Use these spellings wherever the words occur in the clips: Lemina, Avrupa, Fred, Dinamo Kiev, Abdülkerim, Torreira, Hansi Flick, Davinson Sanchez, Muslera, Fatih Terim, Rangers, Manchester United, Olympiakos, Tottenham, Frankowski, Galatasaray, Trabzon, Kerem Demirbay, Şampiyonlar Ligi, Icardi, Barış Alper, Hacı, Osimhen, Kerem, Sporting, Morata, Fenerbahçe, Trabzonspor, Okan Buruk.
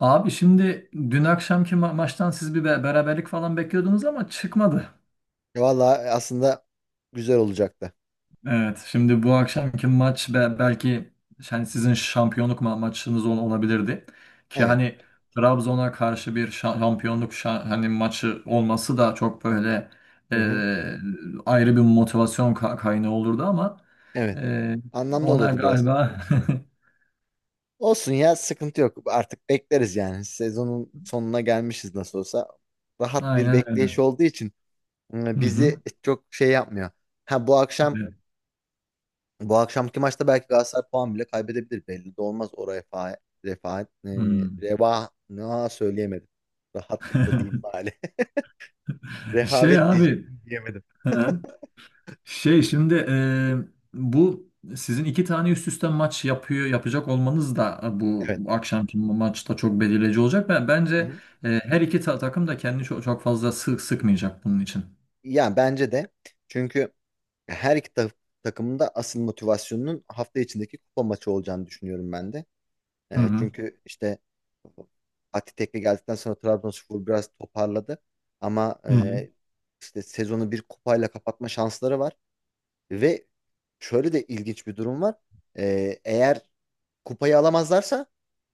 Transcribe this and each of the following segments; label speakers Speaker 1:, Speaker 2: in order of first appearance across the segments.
Speaker 1: Abi şimdi dün akşamki maçtan siz bir beraberlik falan bekliyordunuz ama çıkmadı.
Speaker 2: Valla aslında güzel olacaktı.
Speaker 1: Evet, şimdi bu akşamki maç belki yani sizin şampiyonluk maçınız olabilirdi. Ki
Speaker 2: Evet.
Speaker 1: hani Trabzon'a karşı bir şampiyonluk hani maçı olması da çok böyle e,
Speaker 2: Hı hı.
Speaker 1: ayrı bir motivasyon kaynağı olurdu ama
Speaker 2: Evet.
Speaker 1: e,
Speaker 2: Anlamlı
Speaker 1: ona
Speaker 2: olurdu biraz.
Speaker 1: galiba.
Speaker 2: Olsun ya sıkıntı yok. Artık bekleriz yani. Sezonun sonuna gelmişiz nasıl olsa. Rahat bir
Speaker 1: Aynen
Speaker 2: bekleyiş
Speaker 1: öyle.
Speaker 2: olduğu için
Speaker 1: Hı
Speaker 2: bizi
Speaker 1: hı.
Speaker 2: çok şey yapmıyor. Ha
Speaker 1: Evet.
Speaker 2: bu akşamki maçta belki Galatasaray puan bile kaybedebilir. Belli de olmaz o refa e,
Speaker 1: Hmm.
Speaker 2: reva ne söyleyemedim. Rahatlıkla diyeyim bari.
Speaker 1: Şey
Speaker 2: Rehavet
Speaker 1: abi.
Speaker 2: diyecektim diyemedim.
Speaker 1: Şey şimdi bu sizin iki tane üst üste maç yapacak olmanız da bu
Speaker 2: Evet.
Speaker 1: akşamki maçta çok belirleyici olacak.
Speaker 2: Hı
Speaker 1: Bence
Speaker 2: hı.
Speaker 1: her iki takım da kendini çok, çok fazla sıkmayacak bunun için.
Speaker 2: Yani bence de çünkü her iki takımın da asıl motivasyonunun hafta içindeki kupa maçı olacağını düşünüyorum ben de.
Speaker 1: Hı
Speaker 2: E,
Speaker 1: hı.
Speaker 2: çünkü işte Fatih Tekke geldikten sonra Trabzonspor biraz toparladı. Ama
Speaker 1: Hı hı.
Speaker 2: işte sezonu bir kupayla kapatma şansları var. Ve şöyle de ilginç bir durum var. Eğer kupayı alamazlarsa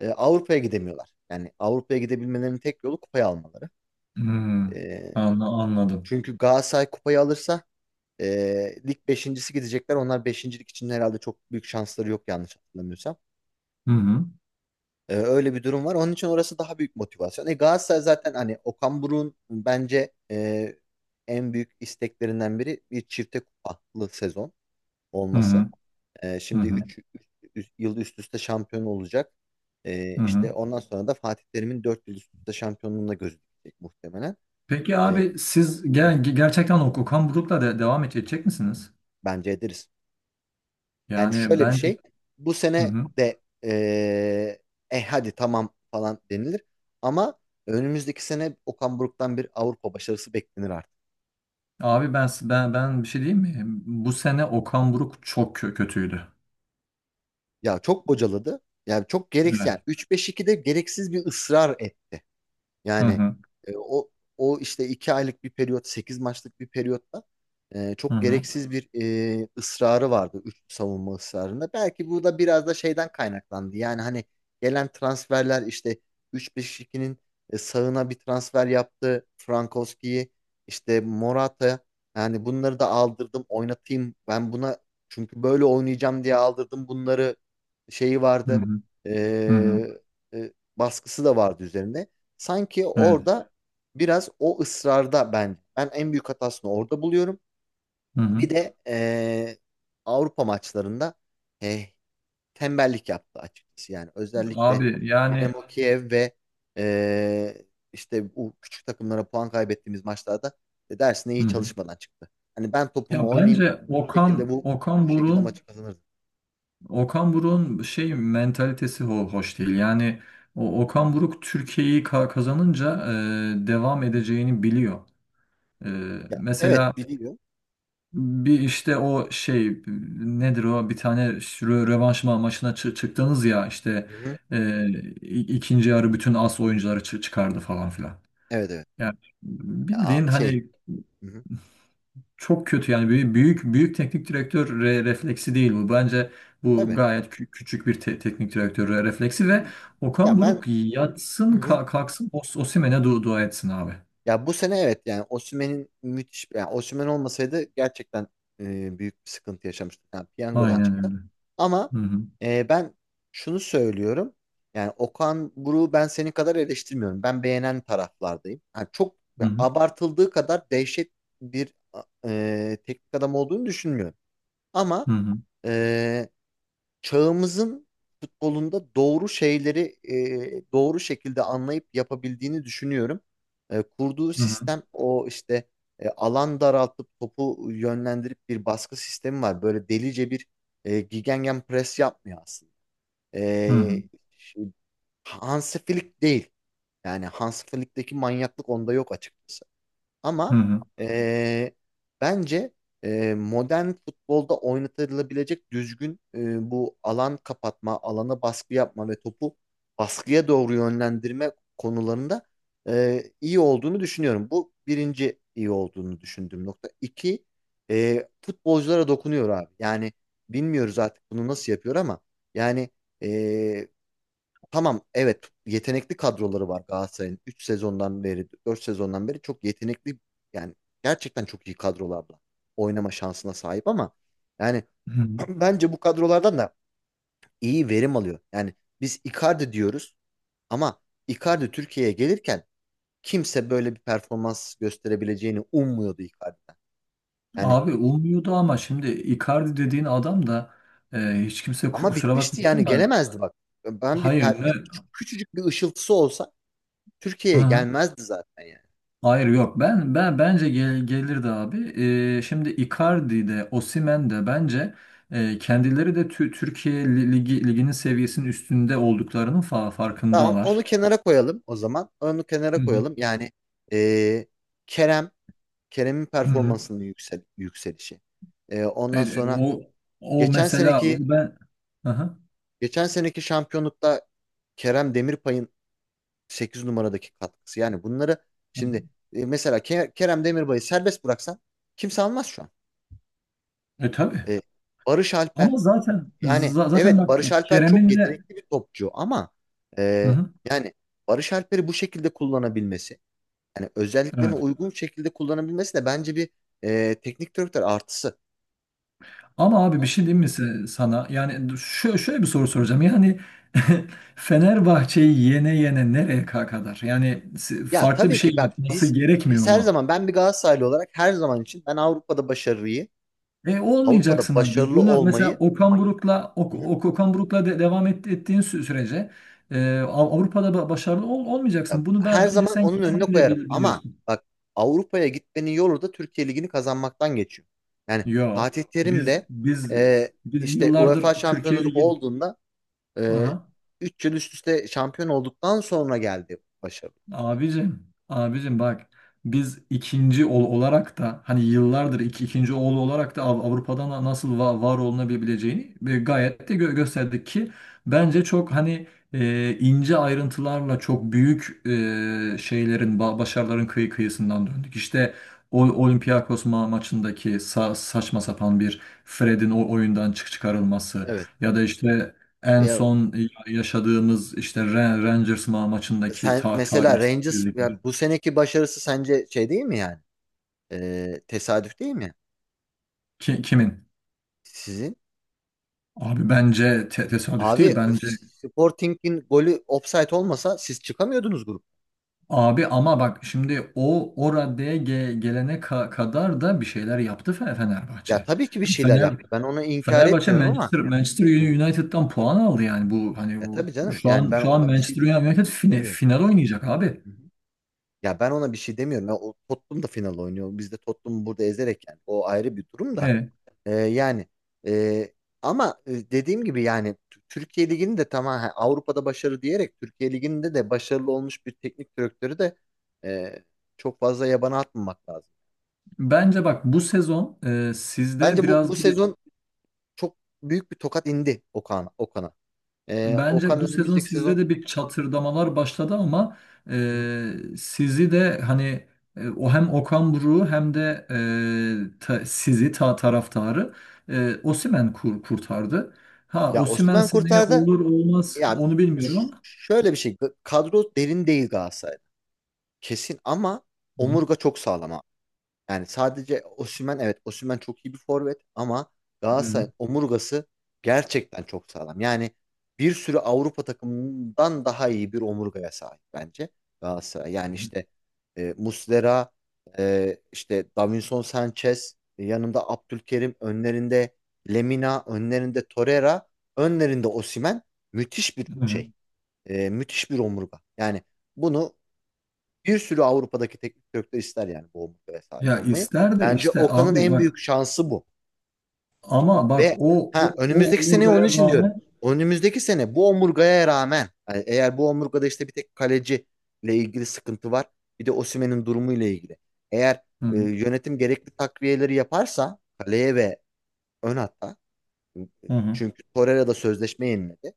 Speaker 2: Avrupa'ya gidemiyorlar. Yani Avrupa'ya gidebilmelerinin tek yolu kupayı almaları.
Speaker 1: Hı.
Speaker 2: E,
Speaker 1: Anladım.
Speaker 2: çünkü Galatasaray kupayı alırsa lig beşincisi gidecekler. Onlar beşincilik için herhalde çok büyük şansları yok yanlış hatırlamıyorsam.
Speaker 1: Hı hı.
Speaker 2: Öyle bir durum var. Onun için orası daha büyük motivasyon. Galatasaray zaten hani Okan Buruk'un bence en büyük isteklerinden biri bir çifte kupalı sezon
Speaker 1: Hı
Speaker 2: olması.
Speaker 1: hı.
Speaker 2: Ee,
Speaker 1: Hı
Speaker 2: şimdi
Speaker 1: hı.
Speaker 2: 3 yıl üst üste şampiyon olacak.
Speaker 1: Hı
Speaker 2: İşte
Speaker 1: hı.
Speaker 2: ondan sonra da Fatih Terim'in 4 yıl üst üste şampiyonluğuna gözükecek muhtemelen.
Speaker 1: Peki
Speaker 2: Ee,
Speaker 1: abi siz gerçekten o Okan Buruk'la devam edecek misiniz?
Speaker 2: bence ederiz. Yani
Speaker 1: Yani
Speaker 2: şöyle bir
Speaker 1: ben.
Speaker 2: şey. Bu
Speaker 1: Hı
Speaker 2: sene
Speaker 1: hı.
Speaker 2: de hadi tamam falan denilir. Ama önümüzdeki sene Okan Buruk'tan bir Avrupa başarısı beklenir artık.
Speaker 1: Abi ben bir şey diyeyim mi? Bu sene Okan Buruk çok kötüydü.
Speaker 2: Ya çok bocaladı. Yani çok gereksiz. Yani
Speaker 1: Evet.
Speaker 2: 3-5-2'de gereksiz bir ısrar etti.
Speaker 1: Hı
Speaker 2: Yani
Speaker 1: hı.
Speaker 2: e, o o işte 2 aylık bir periyot, 8 maçlık bir periyotta
Speaker 1: Hı
Speaker 2: çok
Speaker 1: hı.
Speaker 2: gereksiz bir ısrarı vardı üçlü savunma ısrarında. Belki bu da biraz da şeyden kaynaklandı. Yani hani gelen transferler işte üç 5 2nin sağına bir transfer yaptı. Frankowski'yi işte Morata, yani bunları da aldırdım oynatayım. Ben buna çünkü böyle oynayacağım diye aldırdım bunları şeyi
Speaker 1: Hı
Speaker 2: vardı.
Speaker 1: hı. Hı hı.
Speaker 2: E, baskısı da vardı üzerinde. Sanki
Speaker 1: Evet.
Speaker 2: orada biraz o ısrarda ben en büyük hatasını orada buluyorum.
Speaker 1: Hı hı.
Speaker 2: Bir de Avrupa maçlarında eh, tembellik yaptı açıkçası. Yani özellikle
Speaker 1: Abi yani
Speaker 2: Dinamo Kiev ve eee, işte bu küçük takımlara puan kaybettiğimiz maçlarda dersine
Speaker 1: hı
Speaker 2: iyi
Speaker 1: hı.
Speaker 2: çalışmadan çıktı. Hani ben
Speaker 1: Ya
Speaker 2: topumu oynayayım
Speaker 1: bence
Speaker 2: bir şekilde
Speaker 1: Okan
Speaker 2: bu
Speaker 1: Okan
Speaker 2: bu şekilde
Speaker 1: Buruk'un
Speaker 2: maçı kazanırdım.
Speaker 1: Okan Buruk'un şey mentalitesi hoş değil. Yani o Okan Buruk Türkiye'yi kazanınca devam
Speaker 2: Hı hı.
Speaker 1: edeceğini biliyor. E,
Speaker 2: Ya, evet
Speaker 1: mesela
Speaker 2: biliyor.
Speaker 1: bir işte o şey nedir o bir tane rövanş maçına çıktınız ya işte
Speaker 2: Hı hı.
Speaker 1: e, ikinci yarı bütün as oyuncuları çıkardı falan filan.
Speaker 2: Evet, evet.
Speaker 1: Yani
Speaker 2: Ya,
Speaker 1: bildiğin
Speaker 2: şey.
Speaker 1: hani
Speaker 2: Hı hı.
Speaker 1: çok kötü yani büyük büyük, büyük teknik direktör refleksi değil bu. Bence bu
Speaker 2: Tabii.
Speaker 1: gayet küçük bir teknik direktör refleksi ve Okan
Speaker 2: Ya
Speaker 1: Buruk
Speaker 2: ben. Hı
Speaker 1: yatsın
Speaker 2: hı.
Speaker 1: kalksın Osimhen'e dua etsin abi.
Speaker 2: Ya bu sene evet yani Osimhen'in müthiş, yani Osimhen olmasaydı gerçekten büyük bir sıkıntı yaşamıştık. Yani piyangodan
Speaker 1: Aynen
Speaker 2: çıktı.
Speaker 1: öyle.
Speaker 2: Ama
Speaker 1: Hı hı.
Speaker 2: ben şunu söylüyorum. Yani Okan Buruk'u ben senin kadar eleştirmiyorum. Ben beğenen taraflardayım. Yani çok
Speaker 1: Hı hı.
Speaker 2: abartıldığı kadar dehşet bir teknik adam olduğunu düşünmüyorum. Ama
Speaker 1: Hı hı.
Speaker 2: e, çağımızın futbolunda doğru şeyleri doğru şekilde anlayıp yapabildiğini düşünüyorum. Kurduğu
Speaker 1: Hı hı.
Speaker 2: sistem o işte alan daraltıp topu yönlendirip bir baskı sistemi var. Böyle delice bir gegenpress pres yapmıyor aslında.
Speaker 1: Hı hı.
Speaker 2: E, şey, Hansi Flick değil. Yani Hansi Flick'teki manyaklık onda yok açıkçası.
Speaker 1: Hı
Speaker 2: Ama
Speaker 1: hı.
Speaker 2: eee, bence modern futbolda oynatılabilecek düzgün bu alan kapatma, alana baskı yapma ve topu baskıya doğru yönlendirme konularında iyi olduğunu düşünüyorum. Bu birinci iyi olduğunu düşündüğüm nokta. İki, futbolculara dokunuyor abi. Yani bilmiyoruz artık bunu nasıl yapıyor ama yani eee, Tamam evet yetenekli kadroları var Galatasaray'ın 3 sezondan beri, 4 sezondan beri çok yetenekli, yani gerçekten çok iyi kadrolarla oynama şansına sahip ama yani
Speaker 1: Hı hı.
Speaker 2: bence bu kadrolardan da iyi verim alıyor. Yani biz Icardi diyoruz ama Icardi Türkiye'ye gelirken kimse böyle bir performans gösterebileceğini ummuyordu Icardi'den. Yani
Speaker 1: Abi olmuyordu ama şimdi Icardi dediğin adam da e, hiç kimse ku-
Speaker 2: ama
Speaker 1: kusura
Speaker 2: bitmişti yani
Speaker 1: bakmasın da
Speaker 2: gelemezdi bak. Ben
Speaker 1: hayır
Speaker 2: bir küçücük bir ışıltısı olsa Türkiye'ye
Speaker 1: ne.
Speaker 2: gelmezdi zaten yani.
Speaker 1: Hayır yok bence gelirdi abi. Şimdi Icardi de Osimhen de bence kendileri de Türkiye liginin seviyesinin üstünde olduklarının fa
Speaker 2: Tamam, onu
Speaker 1: farkındalar.
Speaker 2: kenara koyalım o zaman. Onu kenara
Speaker 1: Hı hı.
Speaker 2: koyalım. Yani e, Kerem, Kerem'in
Speaker 1: Hı hı.
Speaker 2: performansının yükselişi. E,
Speaker 1: E,
Speaker 2: ondan
Speaker 1: e,
Speaker 2: sonra
Speaker 1: o o
Speaker 2: geçen
Speaker 1: mesela o
Speaker 2: seneki
Speaker 1: ben. Aha.
Speaker 2: geçen seneki şampiyonlukta Kerem Demirbay'ın 8 numaradaki katkısı. Yani bunları
Speaker 1: Hı hı. Hı.
Speaker 2: şimdi mesela Kerem Demirbay'ı serbest bıraksan kimse almaz şu an.
Speaker 1: E tabii.
Speaker 2: E, Barış Alper,
Speaker 1: Ama zaten
Speaker 2: yani
Speaker 1: zaten
Speaker 2: evet
Speaker 1: bak
Speaker 2: Barış Alper çok
Speaker 1: Kerem'in de.
Speaker 2: yetenekli bir topçu ama
Speaker 1: Hı
Speaker 2: e,
Speaker 1: hı.
Speaker 2: yani Barış Alper'i bu şekilde kullanabilmesi, yani özelliklerini
Speaker 1: Evet.
Speaker 2: uygun şekilde kullanabilmesi de bence bir teknik direktör artısı.
Speaker 1: Ama abi bir şey diyeyim mi sana? Yani şöyle bir soru soracağım. Yani Fenerbahçe'yi yene yene nereye kadar? Yani
Speaker 2: Ya
Speaker 1: farklı bir
Speaker 2: tabii
Speaker 1: şey
Speaker 2: ki bak,
Speaker 1: yapması
Speaker 2: biz
Speaker 1: gerekmiyor
Speaker 2: her
Speaker 1: mu?
Speaker 2: zaman, ben bir Galatasaraylı olarak her zaman için ben Avrupa'da başarıyı,
Speaker 1: E
Speaker 2: Avrupa'da
Speaker 1: olmayacaksın abi.
Speaker 2: başarılı
Speaker 1: Bunu mesela
Speaker 2: olmayı,
Speaker 1: Okan Buruk'la Ok-
Speaker 2: hı hı,
Speaker 1: Ok- Okan Buruk'la devam ettiğin sürece Avrupa'da başarılı ol-
Speaker 2: ya
Speaker 1: olmayacaksın. Bunu
Speaker 2: her
Speaker 1: bence
Speaker 2: zaman
Speaker 1: sen
Speaker 2: onun önüne
Speaker 1: kendin de
Speaker 2: koyarım.
Speaker 1: bil-
Speaker 2: Ama
Speaker 1: biliyorsun.
Speaker 2: bak Avrupa'ya gitmenin yolu da Türkiye Ligi'ni kazanmaktan geçiyor. Yani
Speaker 1: Yo.
Speaker 2: Fatih Terim
Speaker 1: Biz
Speaker 2: de
Speaker 1: biz
Speaker 2: e,
Speaker 1: biz
Speaker 2: işte UEFA
Speaker 1: yıllardır Türkiye
Speaker 2: şampiyonu
Speaker 1: Ligi.
Speaker 2: olduğunda e,
Speaker 1: Aha.
Speaker 2: 3 yıl üst üste şampiyon olduktan sonra geldi başarı.
Speaker 1: Abicim, abicim bak biz ikinci oğul olarak da hani yıllardır ikinci oğlu olarak da Avrupa'dan da nasıl var olunabileceğini gayet de gösterdik ki bence çok hani ince ayrıntılarla çok büyük başarıların kıyısından döndük. İşte o Olympiakos maçındaki saçma sapan bir Fred'in o oyundan çıkarılması,
Speaker 2: Evet.
Speaker 1: ya da işte en
Speaker 2: Ya.
Speaker 1: son yaşadığımız işte Rangers maçındaki
Speaker 2: Sen
Speaker 1: ta
Speaker 2: mesela Rangers, yani
Speaker 1: talihsizlik.
Speaker 2: bu seneki başarısı sence şey değil mi yani? Tesadüf değil mi
Speaker 1: Kimin?
Speaker 2: sizin?
Speaker 1: Abi bence tesadüf
Speaker 2: Abi
Speaker 1: değil bence.
Speaker 2: Sporting'in golü offside olmasa siz çıkamıyordunuz grup.
Speaker 1: Abi ama bak şimdi o raddeye gelene kadar da bir şeyler yaptı Fe-
Speaker 2: Ya
Speaker 1: Fenerbahçe.
Speaker 2: tabii ki bir şeyler
Speaker 1: Fener
Speaker 2: yaptı. Ben onu inkar
Speaker 1: Fenerbahçe
Speaker 2: etmiyorum ama.
Speaker 1: Manchester
Speaker 2: Hı hı.
Speaker 1: United'dan puan aldı yani bu hani
Speaker 2: Ya tabii
Speaker 1: bu
Speaker 2: canım.
Speaker 1: şu
Speaker 2: Yani
Speaker 1: an
Speaker 2: ben
Speaker 1: şu an
Speaker 2: ona bir şey
Speaker 1: Manchester United fine-
Speaker 2: demiyorum.
Speaker 1: final oynayacak abi.
Speaker 2: Hı hı. Ya ben ona bir şey demiyorum. Ya o Tottenham da final oynuyor. Biz de Tottenham'ı burada ezerek yani. O ayrı bir durum da.
Speaker 1: Evet.
Speaker 2: Yani e, ama dediğim gibi yani Türkiye Ligi'nin de, tamam ha, Avrupa'da başarı diyerek Türkiye Ligi'nde de başarılı olmuş bir teknik direktörü de e, çok fazla yabana atmamak lazım.
Speaker 1: Bence bak bu sezon e, sizde
Speaker 2: Bence bu
Speaker 1: biraz
Speaker 2: sezon çok büyük bir tokat indi Okan'a. Okan
Speaker 1: Bence bu sezon
Speaker 2: önümüzdeki
Speaker 1: sizde
Speaker 2: sezon.
Speaker 1: de bir çatırdamalar başladı ama.
Speaker 2: Hı hı.
Speaker 1: Sizi de hani, o hem Okan Buruk'u hem de, sizi taraftarı, Osimhen kurtardı. Ha
Speaker 2: Ya
Speaker 1: Osimhen
Speaker 2: Osimhen
Speaker 1: seneye
Speaker 2: kurtardı.
Speaker 1: olur olmaz
Speaker 2: Ya
Speaker 1: onu bilmiyorum ama.
Speaker 2: şöyle bir şey, kadro derin değil Galatasaray'da. Kesin, ama
Speaker 1: Hı hı.
Speaker 2: omurga çok sağlam. Yani sadece Osimhen, evet, Osimhen çok iyi bir forvet ama
Speaker 1: Hı
Speaker 2: Galatasaray'ın omurgası gerçekten çok sağlam. Yani bir sürü Avrupa takımından daha iyi bir omurgaya sahip bence Galatasaray. Yani işte Muslera, işte Davinson Sanchez, yanında Abdülkerim, önlerinde Lemina, önlerinde Torreira, önlerinde Osimhen, müthiş bir
Speaker 1: hı. Hı.
Speaker 2: şey. Müthiş bir omurga. Yani bunu bir sürü Avrupa'daki teknik direktör ister, yani bu omurgaya sahip
Speaker 1: Ya
Speaker 2: olmayı.
Speaker 1: ister de
Speaker 2: Bence
Speaker 1: işte
Speaker 2: Okan'ın
Speaker 1: abi
Speaker 2: en büyük
Speaker 1: bak
Speaker 2: şansı bu.
Speaker 1: ama bak
Speaker 2: Ve
Speaker 1: o o,
Speaker 2: ha,
Speaker 1: o
Speaker 2: önümüzdeki sene onun
Speaker 1: omurgaya
Speaker 2: için diyorum.
Speaker 1: rağmen.
Speaker 2: Önümüzdeki sene bu omurgaya rağmen, yani eğer bu omurgada işte bir tek kaleci ile ilgili sıkıntı var. Bir de Osimhen'in durumu ile ilgili. Eğer
Speaker 1: Hı hı.
Speaker 2: yönetim gerekli takviyeleri yaparsa kaleye ve ön hatta,
Speaker 1: Hı hı.
Speaker 2: çünkü Torreira da sözleşme yeniledi.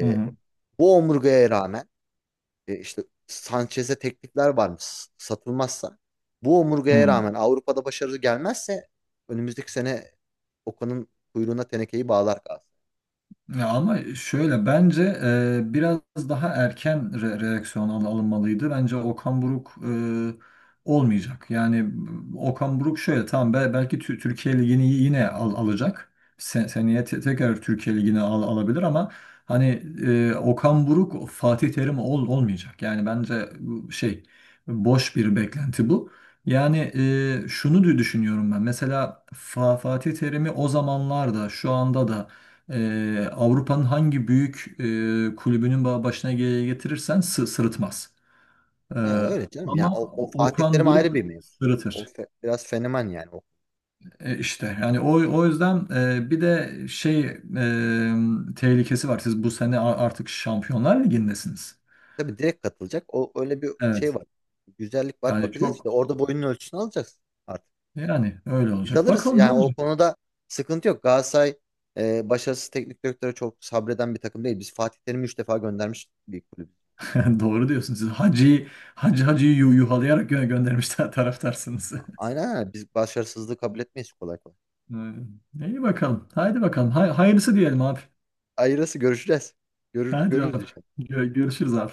Speaker 1: Hı hı.
Speaker 2: bu omurgaya rağmen. E, işte Sanchez'e teklifler varmış, satılmazsa. Bu omurgaya
Speaker 1: Hı.
Speaker 2: rağmen Avrupa'da başarı gelmezse önümüzdeki sene Okan'ın kuyruğuna tenekeyi bağlar kalsın.
Speaker 1: Ya ama şöyle bence biraz daha erken reaksiyon alınmalıydı. Bence Okan Buruk olmayacak. Yani Okan Buruk şöyle tamam belki Türkiye Ligi'ni yine alacak. Sen seneye tekrar Türkiye Ligi'ni alabilir ama hani Okan Buruk Fatih Terim olmayacak. Yani bence bu şey boş bir beklenti bu. Yani şunu düşünüyorum ben. Mesela Fatih Terim'i o zamanlarda şu anda da Avrupa'nın hangi büyük kulübünün başına getirirsen sırıtmaz. Ee,
Speaker 2: Ya öyle canım.
Speaker 1: ama
Speaker 2: Ya o
Speaker 1: O-
Speaker 2: Fatih
Speaker 1: Okan
Speaker 2: Terim
Speaker 1: Buruk
Speaker 2: ayrı bir mevzu. O
Speaker 1: sırıtır.
Speaker 2: biraz fenomen yani. O,
Speaker 1: İşte yani o yüzden bir de şey tehlikesi var. Siz bu sene artık Şampiyonlar Ligi'ndesiniz.
Speaker 2: tabii direkt katılacak. O öyle bir şey
Speaker 1: Evet.
Speaker 2: var. Güzellik var.
Speaker 1: Yani
Speaker 2: Bakacağız işte
Speaker 1: çok
Speaker 2: orada boyunun ölçüsünü alacağız artık.
Speaker 1: yani öyle
Speaker 2: Biz
Speaker 1: olacak.
Speaker 2: alırız.
Speaker 1: Bakalım ne
Speaker 2: Yani o
Speaker 1: olacak.
Speaker 2: konuda sıkıntı yok. Galatasaray başarısız teknik direktöre çok sabreden bir takım değil. Biz Fatih Terim'i 3 defa göndermiş bir kulüp.
Speaker 1: Doğru diyorsunuz. Siz Hacı'yı Hacı'yı yuhalayarak göndermişler taraftarsınız.
Speaker 2: Aynen, aynen. Biz başarısızlığı kabul etmeyiz kolay kolay.
Speaker 1: İyi bakalım. Haydi
Speaker 2: Hı hı.
Speaker 1: bakalım. Hayırlısı diyelim abi.
Speaker 2: Ayrısı görüşeceğiz. Görür,
Speaker 1: Hadi
Speaker 2: görürüz
Speaker 1: bak.
Speaker 2: inşallah.
Speaker 1: Görüşürüz abi.